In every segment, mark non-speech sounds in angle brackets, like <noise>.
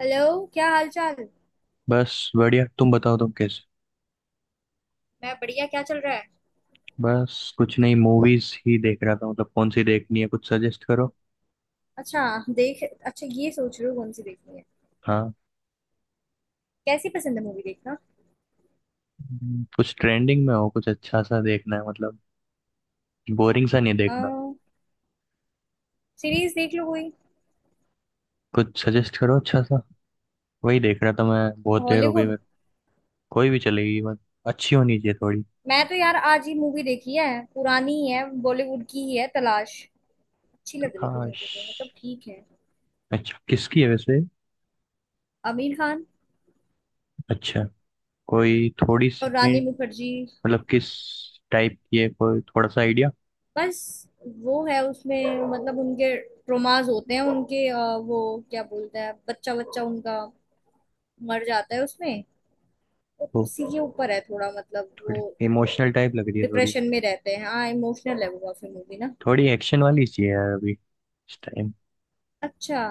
Hello, क्या हाल चाल। बस बढ़िया। तुम बताओ, तुम कैसे? मैं बढ़िया, क्या चल रहा है। बस कुछ नहीं, मूवीज ही देख रहा था। मतलब कौन सी देखनी है? कुछ सजेस्ट करो। अच्छा, देख अच्छा ये सोच रही हूँ कौन सी देखनी है। हाँ। कैसी पसंद है मूवी देखना। कुछ ट्रेंडिंग में हो, कुछ अच्छा सा देखना है मतलब। बोरिंग सा नहीं देखना। सीरीज देख लो कोई। कुछ सजेस्ट करो अच्छा सा। वही देख रहा था मैं, बहुत देर हो गई हॉलीवुड। मेरे को। कोई भी चलेगी बस। अच्छी होनी चाहिए थोड़ी। मैं तो यार आज ही मूवी देखी है। पुरानी ही है, बॉलीवुड की ही है, तलाश। अच्छी तो लग रही थी काश। मुझे वो, मतलब ठीक है। अच्छा किसकी है वैसे? आमिर खान। अच्छा। कोई थोड़ी सी और रानी हिंट? मुखर्जी। मतलब किस टाइप की है, कोई थोड़ा सा आइडिया बस वो है उसमें, मतलब उनके ट्रोमाज होते हैं, उनके वो क्या बोलते हैं, बच्चा बच्चा उनका मर जाता है उसमें। तो हो? उसी के ऊपर है थोड़ा, मतलब वो थोड़ी इमोशनल टाइप लग रही है थोड़ी। डिप्रेशन में रहते हैं। हाँ, इमोशनल है वो काफी मूवी ना। थोड़ी एक्शन वाली चाहिए यार अभी इस टाइम। अच्छा,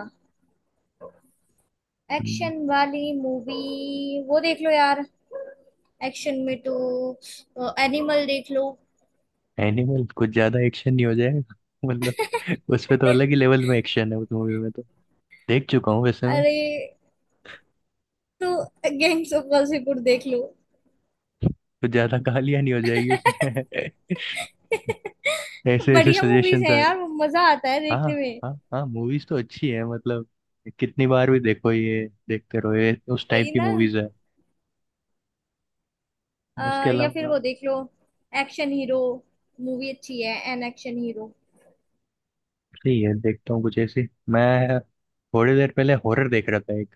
एक्शन वाली मूवी वो देख लो यार। एक्शन में तो एनिमल देख लो। एनिमल कुछ ज्यादा एक्शन नहीं हो जाएगा? <laughs> मतलब उसमें तो अलग ही लेवल में एक्शन है उस मूवी में तो। देख चुका हूँ वैसे मैं। अरे तो गैंग्स ऑफ वासेपुर देख लो। कुछ ज्यादा गालियां नहीं हो जाएगी उसमें? <laughs> <laughs> ऐसे ऐसे बढ़िया मूवीज सजेशन आ है रहे। यार वो, मजा आता है हाँ। देखने में। हाँ हाँ, मूवीज तो अच्छी है मतलब। कितनी बार भी देखो ये, देखते रहो ये, उस टाइप वही की ना। मूवीज है। उसके या फिर अलावा? वो देख लो एक्शन हीरो। मूवी अच्छी है, एन एक्शन हीरो। सही है, देखता हूँ कुछ ऐसी मैं। थोड़ी देर पहले हॉरर देख रहा था एक।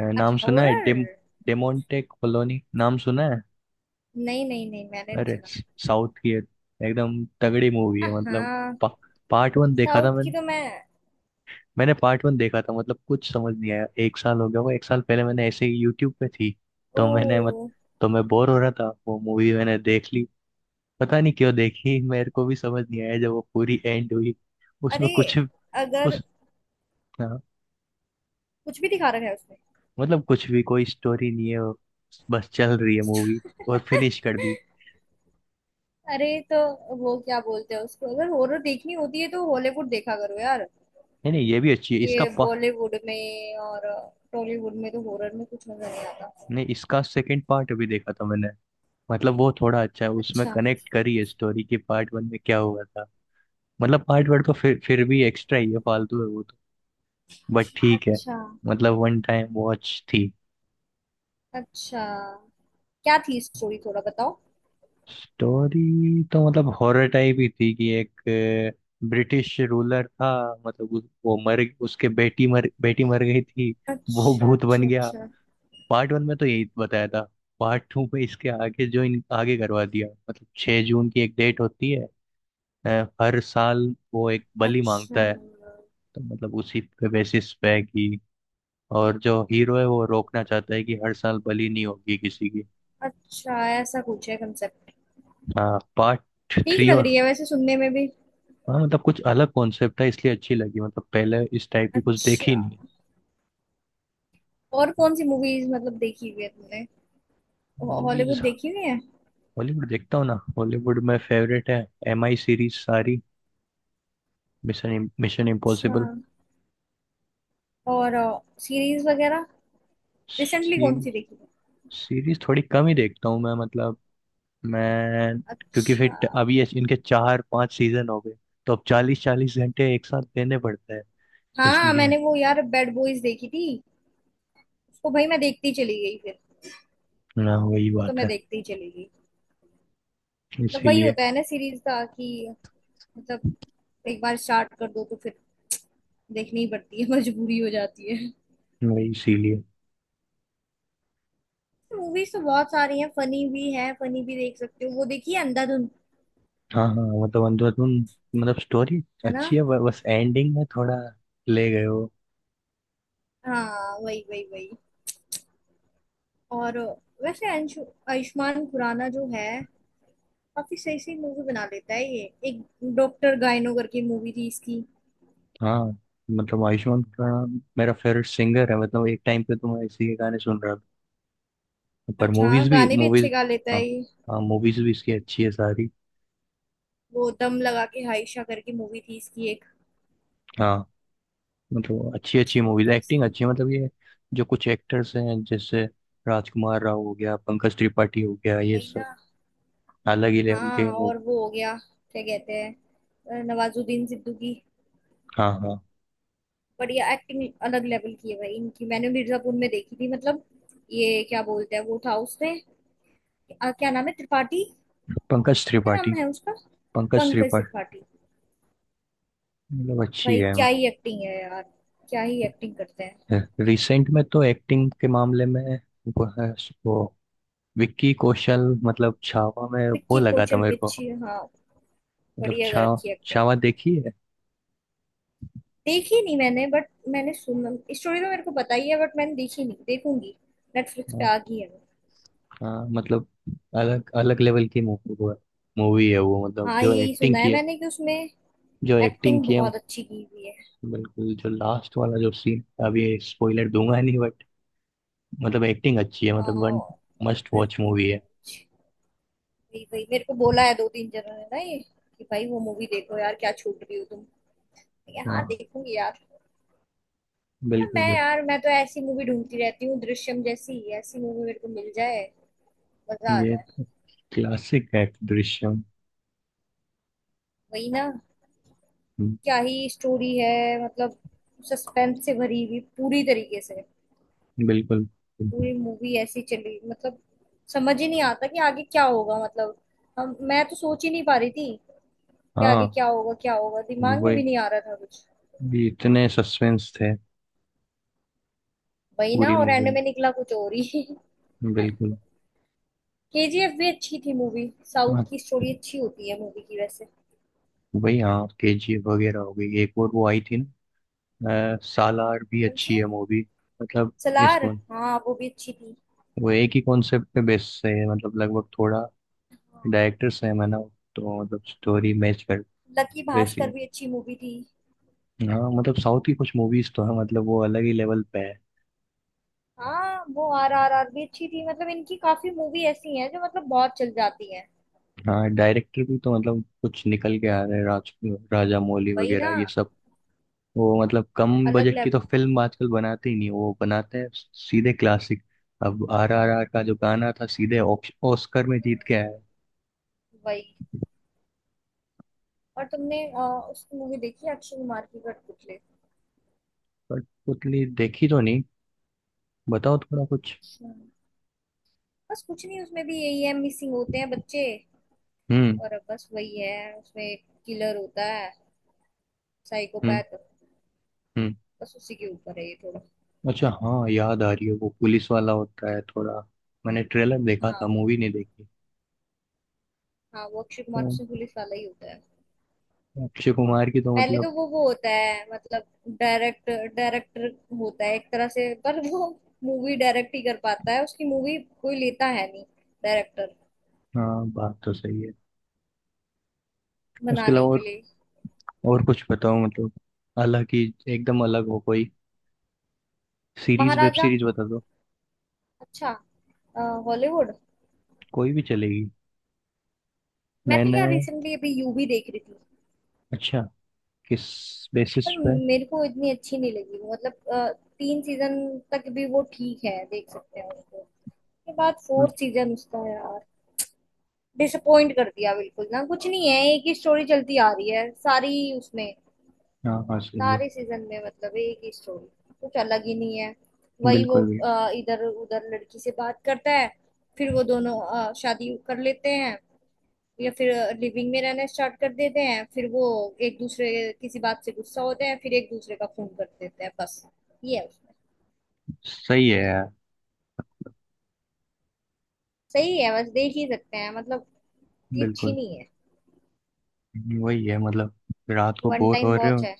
नाम अच्छा, सुना है हॉरर। डेम। डेमोन्टे कॉलोनी नाम सुना है? नहीं नहीं नहीं, मैंने नहीं अरे। सुना। साउथ की एक- एकदम तगड़ी मूवी है मतलब। हाँ। पा, पार्ट वन देखा था साउथ की मैंने। तो मैं। मैंने पार्ट वन देखा था, मतलब कुछ समझ नहीं आया। एक साल हो गया, वो एक साल पहले मैंने ऐसे ही यूट्यूब पे थी। तो मैंने मत। ओ। तो मैं बोर हो रहा था, वो मूवी मैंने देख ली। पता नहीं क्यों देखी, मेरे को भी समझ नहीं आया जब वो पूरी एंड हुई। उसमें अरे। कुछ। अगर उस। हाँ, कुछ भी दिखा रखा है उसमें। मतलब कुछ भी, कोई स्टोरी नहीं है वो। बस चल रही है मूवी और फिनिश कर दी। अरे तो वो क्या बोलते हैं उसको, अगर हॉरर देखनी होती है तो हॉलीवुड देखा करो यार। नहीं नहीं, ये भी अच्छी है इसका ये बॉलीवुड में और टॉलीवुड में तो हॉरर में कुछ मजा नहीं आता। नहीं, इसका सेकंड पार्ट अभी देखा था मैंने। मतलब वो थोड़ा अच्छा है, उसमें अच्छा कनेक्ट करी है स्टोरी के, पार्ट वन में क्या हुआ था। मतलब पार्ट वन तो फिर भी एक्स्ट्रा ही है, फालतू है वो तो। बट ठीक है। अच्छा मतलब वन टाइम वॉच थी। अच्छा। क्या थी स्टोरी, थोड़ा बताओ। स्टोरी तो मतलब हॉरर टाइप ही थी कि एक ब्रिटिश रूलर था। मतलब उस, वो मर, उसके बेटी मर, बेटी मर गई थी। वो अच्छा भूत बन अच्छा गया। अच्छा। पार्ट वन में तो यही बताया था। पार्ट टू में इसके आगे जो इन आगे करवा दिया। मतलब 6 जून की एक डेट होती है, अ, हर साल। वो एक बलि मांगता अच्छा। है। तो मतलब उसी पे बेसिस पे है कि, और जो हीरो है वो रोकना चाहता है कि हर साल बलि नहीं होगी किसी की। अच्छा, ऐसा कुछ है कंसेप्ट। हाँ पार्ट ठीक थ्री लग और। रही है वैसे सुनने में भी। हाँ मतलब कुछ अलग कॉन्सेप्ट है इसलिए अच्छी लगी, मतलब पहले इस टाइप की कुछ देखी अच्छा। नहीं। और कौन सी मूवीज मतलब देखी हुई है तुमने। Hollywood movies. देखी हुई है। हॉलीवुड देखता हूँ ना, हॉलीवुड में फेवरेट है MI सीरीज सारी। मिशन मिशन अच्छा। इम्पॉसिबल। और सीरीज वगैरह। रिसेंटली कौन सीरीज। सी देखी थी। सीरीज थोड़ी कम ही देखता हूँ मैं मतलब। मैं क्योंकि फिर अच्छा। ट- अभी इस- इनके 4 5 सीजन हो गए, तो अब 40 40 घंटे एक साथ देने पड़ते हैं हाँ, इसलिए। मैंने वो यार बैड बॉयज देखी थी। उसको भाई मैं देखती चली गई फिर। ना वही उसको तो बात मैं है। देखती ही चली गई। मतलब वही इसीलिए। होता है ना सीरीज का, कि मतलब एक बार स्टार्ट कर दो तो फिर देखनी ही पड़ती है। <laughs> मजबूरी हो जाती है। वही इसीलिए। मूवीज तो बहुत सारी हैं, फनी भी है, फनी भी देख सकते हो। वो देखिए अंधाधुन। हाँ हाँ मतलब अंदर तुम। मतलब स्टोरी है ना। अच्छी है, ब- बस एंडिंग में थोड़ा ले गए हो। हाँ, वही वही वही। और वैसे अंशु, आयुष्मान खुराना जो है, काफी सही सही मूवी बना लेता है ये। एक डॉक्टर गाइनो करके मूवी थी इसकी। हाँ मतलब आयुष्मान खुराना मेरा फेवरेट सिंगर है, मतलब एक टाइम पे तो मैं इसी के गाने सुन रहा था, पर अच्छा। हाँ, मूवीज भी। गाने भी अच्छे मूवीज। गा लेता हाँ। है ये। हाँ मूवीज भी इसकी अच्छी है सारी। वो दम लगा के हाइशा करके मूवी थी इसकी एक। हाँ मतलब अच्छी अच्छी अच्छी मूवी मूवीज, थी एक्टिंग इसकी। अच्छी है मतलब ये जो कुछ एक्टर्स हैं जैसे राजकुमार राव हो गया, पंकज त्रिपाठी हो गया, ये वही सब ना। अलग ही लेवल के हाँ, मूव। और वो हो गया। क्या कहते हैं, नवाजुद्दीन सिद्दीकी की हाँ हाँ। बढ़िया एक्टिंग। अलग लेवल की है भाई इनकी। मैंने मिर्जापुर में देखी थी, मतलब ये क्या बोलते हैं वो था उसने, क्या नाम है, त्रिपाठी। पंकज क्या नाम त्रिपाठी। है उसका। पंकज पंकज त्रिपाठी। त्रिपाठी। मतलब अच्छी भाई है। क्या ही एक्टिंग है यार। क्या ही एक्टिंग करते हैं। रिसेंट में तो एक्टिंग के मामले में वो है। वो विक्की कौशल, मतलब छावा में वो विक्की लगा था कौशल, मेरे को। विच्छी हाँ। मतलब बढ़िया कर छावा। रखी है एक्टिंग। छावा देखी है? देखी नहीं मैंने बट मैंने सुना। स्टोरी तो मेरे को पता ही है, बट मैंने देखी नहीं, देखूंगी। नेटफ्लिक्स पे हाँ। आ गई है वो। हाँ, मतलब अलग अलग लेवल की मूवी वो है। मूवी है वो, मतलब हाँ, जो यही एक्टिंग सुना की है है, मैंने कि उसमें जो एक्टिंग एक्टिंग की है, बहुत अच्छी की हुई है। बिल्कुल, जो लास्ट वाला जो सीन, अभी स्पॉइलर दूंगा नहीं, बट मतलब एक्टिंग अच्छी है मतलब वन हाँ, मस्ट वॉच एक्टिंग मूवी है। बहुत अच्छी। वही वही मेरे को बोला है दो तीन जनों ने ना ये, कि भाई वो मूवी देखो यार, क्या छूट रही हो तुम। मैंने कहा, हाँ हाँ देखूंगी यार। पर मैं बिल्कुल। यार मैं तो ऐसी मूवी ढूंढती रहती हूँ, दृश्यम जैसी ऐसी मूवी मेरे को मिल जाए, मजा आ बिल्कुल जाए। ये क्लासिक है दृश्यम। वही ना। हम्म, क्या ही स्टोरी है। मतलब सस्पेंस से भरी हुई पूरी तरीके से। बिल्कुल। पूरी मूवी ऐसी चली, मतलब समझ ही नहीं आता कि आगे क्या होगा। मतलब हम, मैं तो सोच ही नहीं पा रही थी कि आगे हाँ क्या होगा, क्या होगा, दिमाग में भी वही। नहीं आ रहा था कुछ। ये इतने सस्पेंस थे वही ना, पूरी और मूवी एंड में, में निकला कुछ और ही। <laughs> बिल्कुल। केजीएफ भी अच्छी थी मूवी। साउथ हाँ की स्टोरी अच्छी होती है मूवी की वैसे। वही। हाँ केजी वगैरह हो गई, एक और वो आई थी ना। सालार भी कौन अच्छी सी। है मूवी। मतलब। इस सलार। कौन। हाँ, वो भी अच्छी थी। वो एक ही कॉन्सेप्ट पे बेस्ड है मतलब लगभग, थोड़ा हाँ। डायरेक्टर सेम है ना, तो मतलब स्टोरी मैच कर लकी वैसी भास्कर है। भी अच्छी मूवी थी। हाँ मतलब साउथ की कुछ मूवीज तो है मतलब, वो अलग ही लेवल पे है। हाँ, वो आर आर आर भी अच्छी थी। मतलब इनकी काफी मूवी ऐसी हैं जो मतलब बहुत चल जाती हैं। हाँ डायरेक्टर भी तो मतलब कुछ निकल के आ रहे हैं। राज, राजा मौली वही वगैरह ना। ये सब। वो मतलब कम अलग बजट की तो लेवल की। फिल्म आजकल बनाते ही नहीं, वो बनाते हैं सीधे क्लासिक। अब RRR का जो गाना था सीधे ऑक्स- ऑस्कर में जीत के आया है। वही। और तुमने उसकी मूवी देखी है, अक्षय कुमार की कठपुतली। बट उतनी देखी तो नहीं। बताओ थोड़ा कुछ। हम्म, बस कुछ नहीं, उसमें भी यही है, मिसिंग होते हैं बच्चे। हम्म। और अब बस वही है उसमें, एक किलर होता है, हम्म। साइकोपैथ। हम्म। बस उसी के ऊपर है ये थोड़ा। अच्छा हाँ, याद आ रही है, वो पुलिस वाला होता है थोड़ा। मैंने ट्रेलर देखा हाँ। था, मूवी नहीं देखी। हाँ, वो अक्षय कुमार उसमें तो पुलिस वाला ही होता है। अक्षय कुमार की तो पहले मतलब। तो वो होता है मतलब डायरेक्टर, डायरेक्टर होता है एक तरह से। पर वो मूवी डायरेक्ट ही कर पाता है उसकी मूवी, कोई लेता है नहीं डायरेक्टर हाँ बात तो सही है। उसके बनाने अलावा के लिए। और कुछ बताओ मतलब। अलग ही, एकदम अलग हो कोई। Series, web Maharaja. सीरीज बता दो। अच्छा। हॉलीवुड। कोई भी चलेगी। मैं तो मैंने। यार रिसेंटली अभी यू भी देख रही थी। अच्छा। किस बेसिस पर पे? मेरे को इतनी अच्छी नहीं लगी वो, मतलब 3 सीजन तक भी वो ठीक है, देख सकते हैं उसको। उसके बाद फोर्थ सीजन उसका यार डिसअपॉइंट कर दिया बिल्कुल। ना कुछ नहीं है, एक ही स्टोरी चलती आ रही है सारी उसमें, हाँ हाँ सही है। सारे सीजन में, मतलब एक ही स्टोरी, कुछ अलग ही नहीं है। वही वो बिल्कुल भी। इधर उधर लड़की से बात करता है, फिर वो दोनों शादी कर लेते हैं, या फिर लिविंग में रहना स्टार्ट कर देते हैं। फिर वो एक दूसरे किसी बात से गुस्सा होते हैं, फिर एक दूसरे का फोन कर देते हैं, बस ये है उसमें। सही है यार। सही है, बस देख ही सकते हैं, मतलब इतनी अच्छी बिल्कुल, नहीं है। वही है मतलब। रात को वन बोर हो टाइम रहे हो, वॉच है।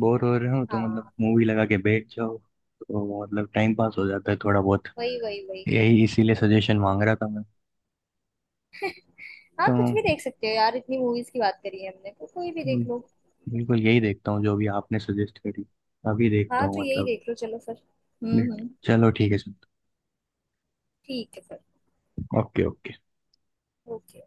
बोर हो रहे हो तो मतलब हाँ, मूवी लगा के बैठ जाओ तो मतलब टाइम पास हो जाता है थोड़ा बहुत। वही वही वही। यही इसीलिए सजेशन मांग रहा था मैं। हाँ, तो कुछ भी देख सकते हो यार, इतनी मूवीज की बात करी है हमने, तो कोई भी देख लो। बिल्कुल यही देखता हूँ जो भी आपने सजेस्ट करी। अभी देखता हाँ तो हूँ यही मतलब। देख लो चलो फिर। हम्म। चलो ठीक है सर। ठीक है फिर। Okay okay. ओके।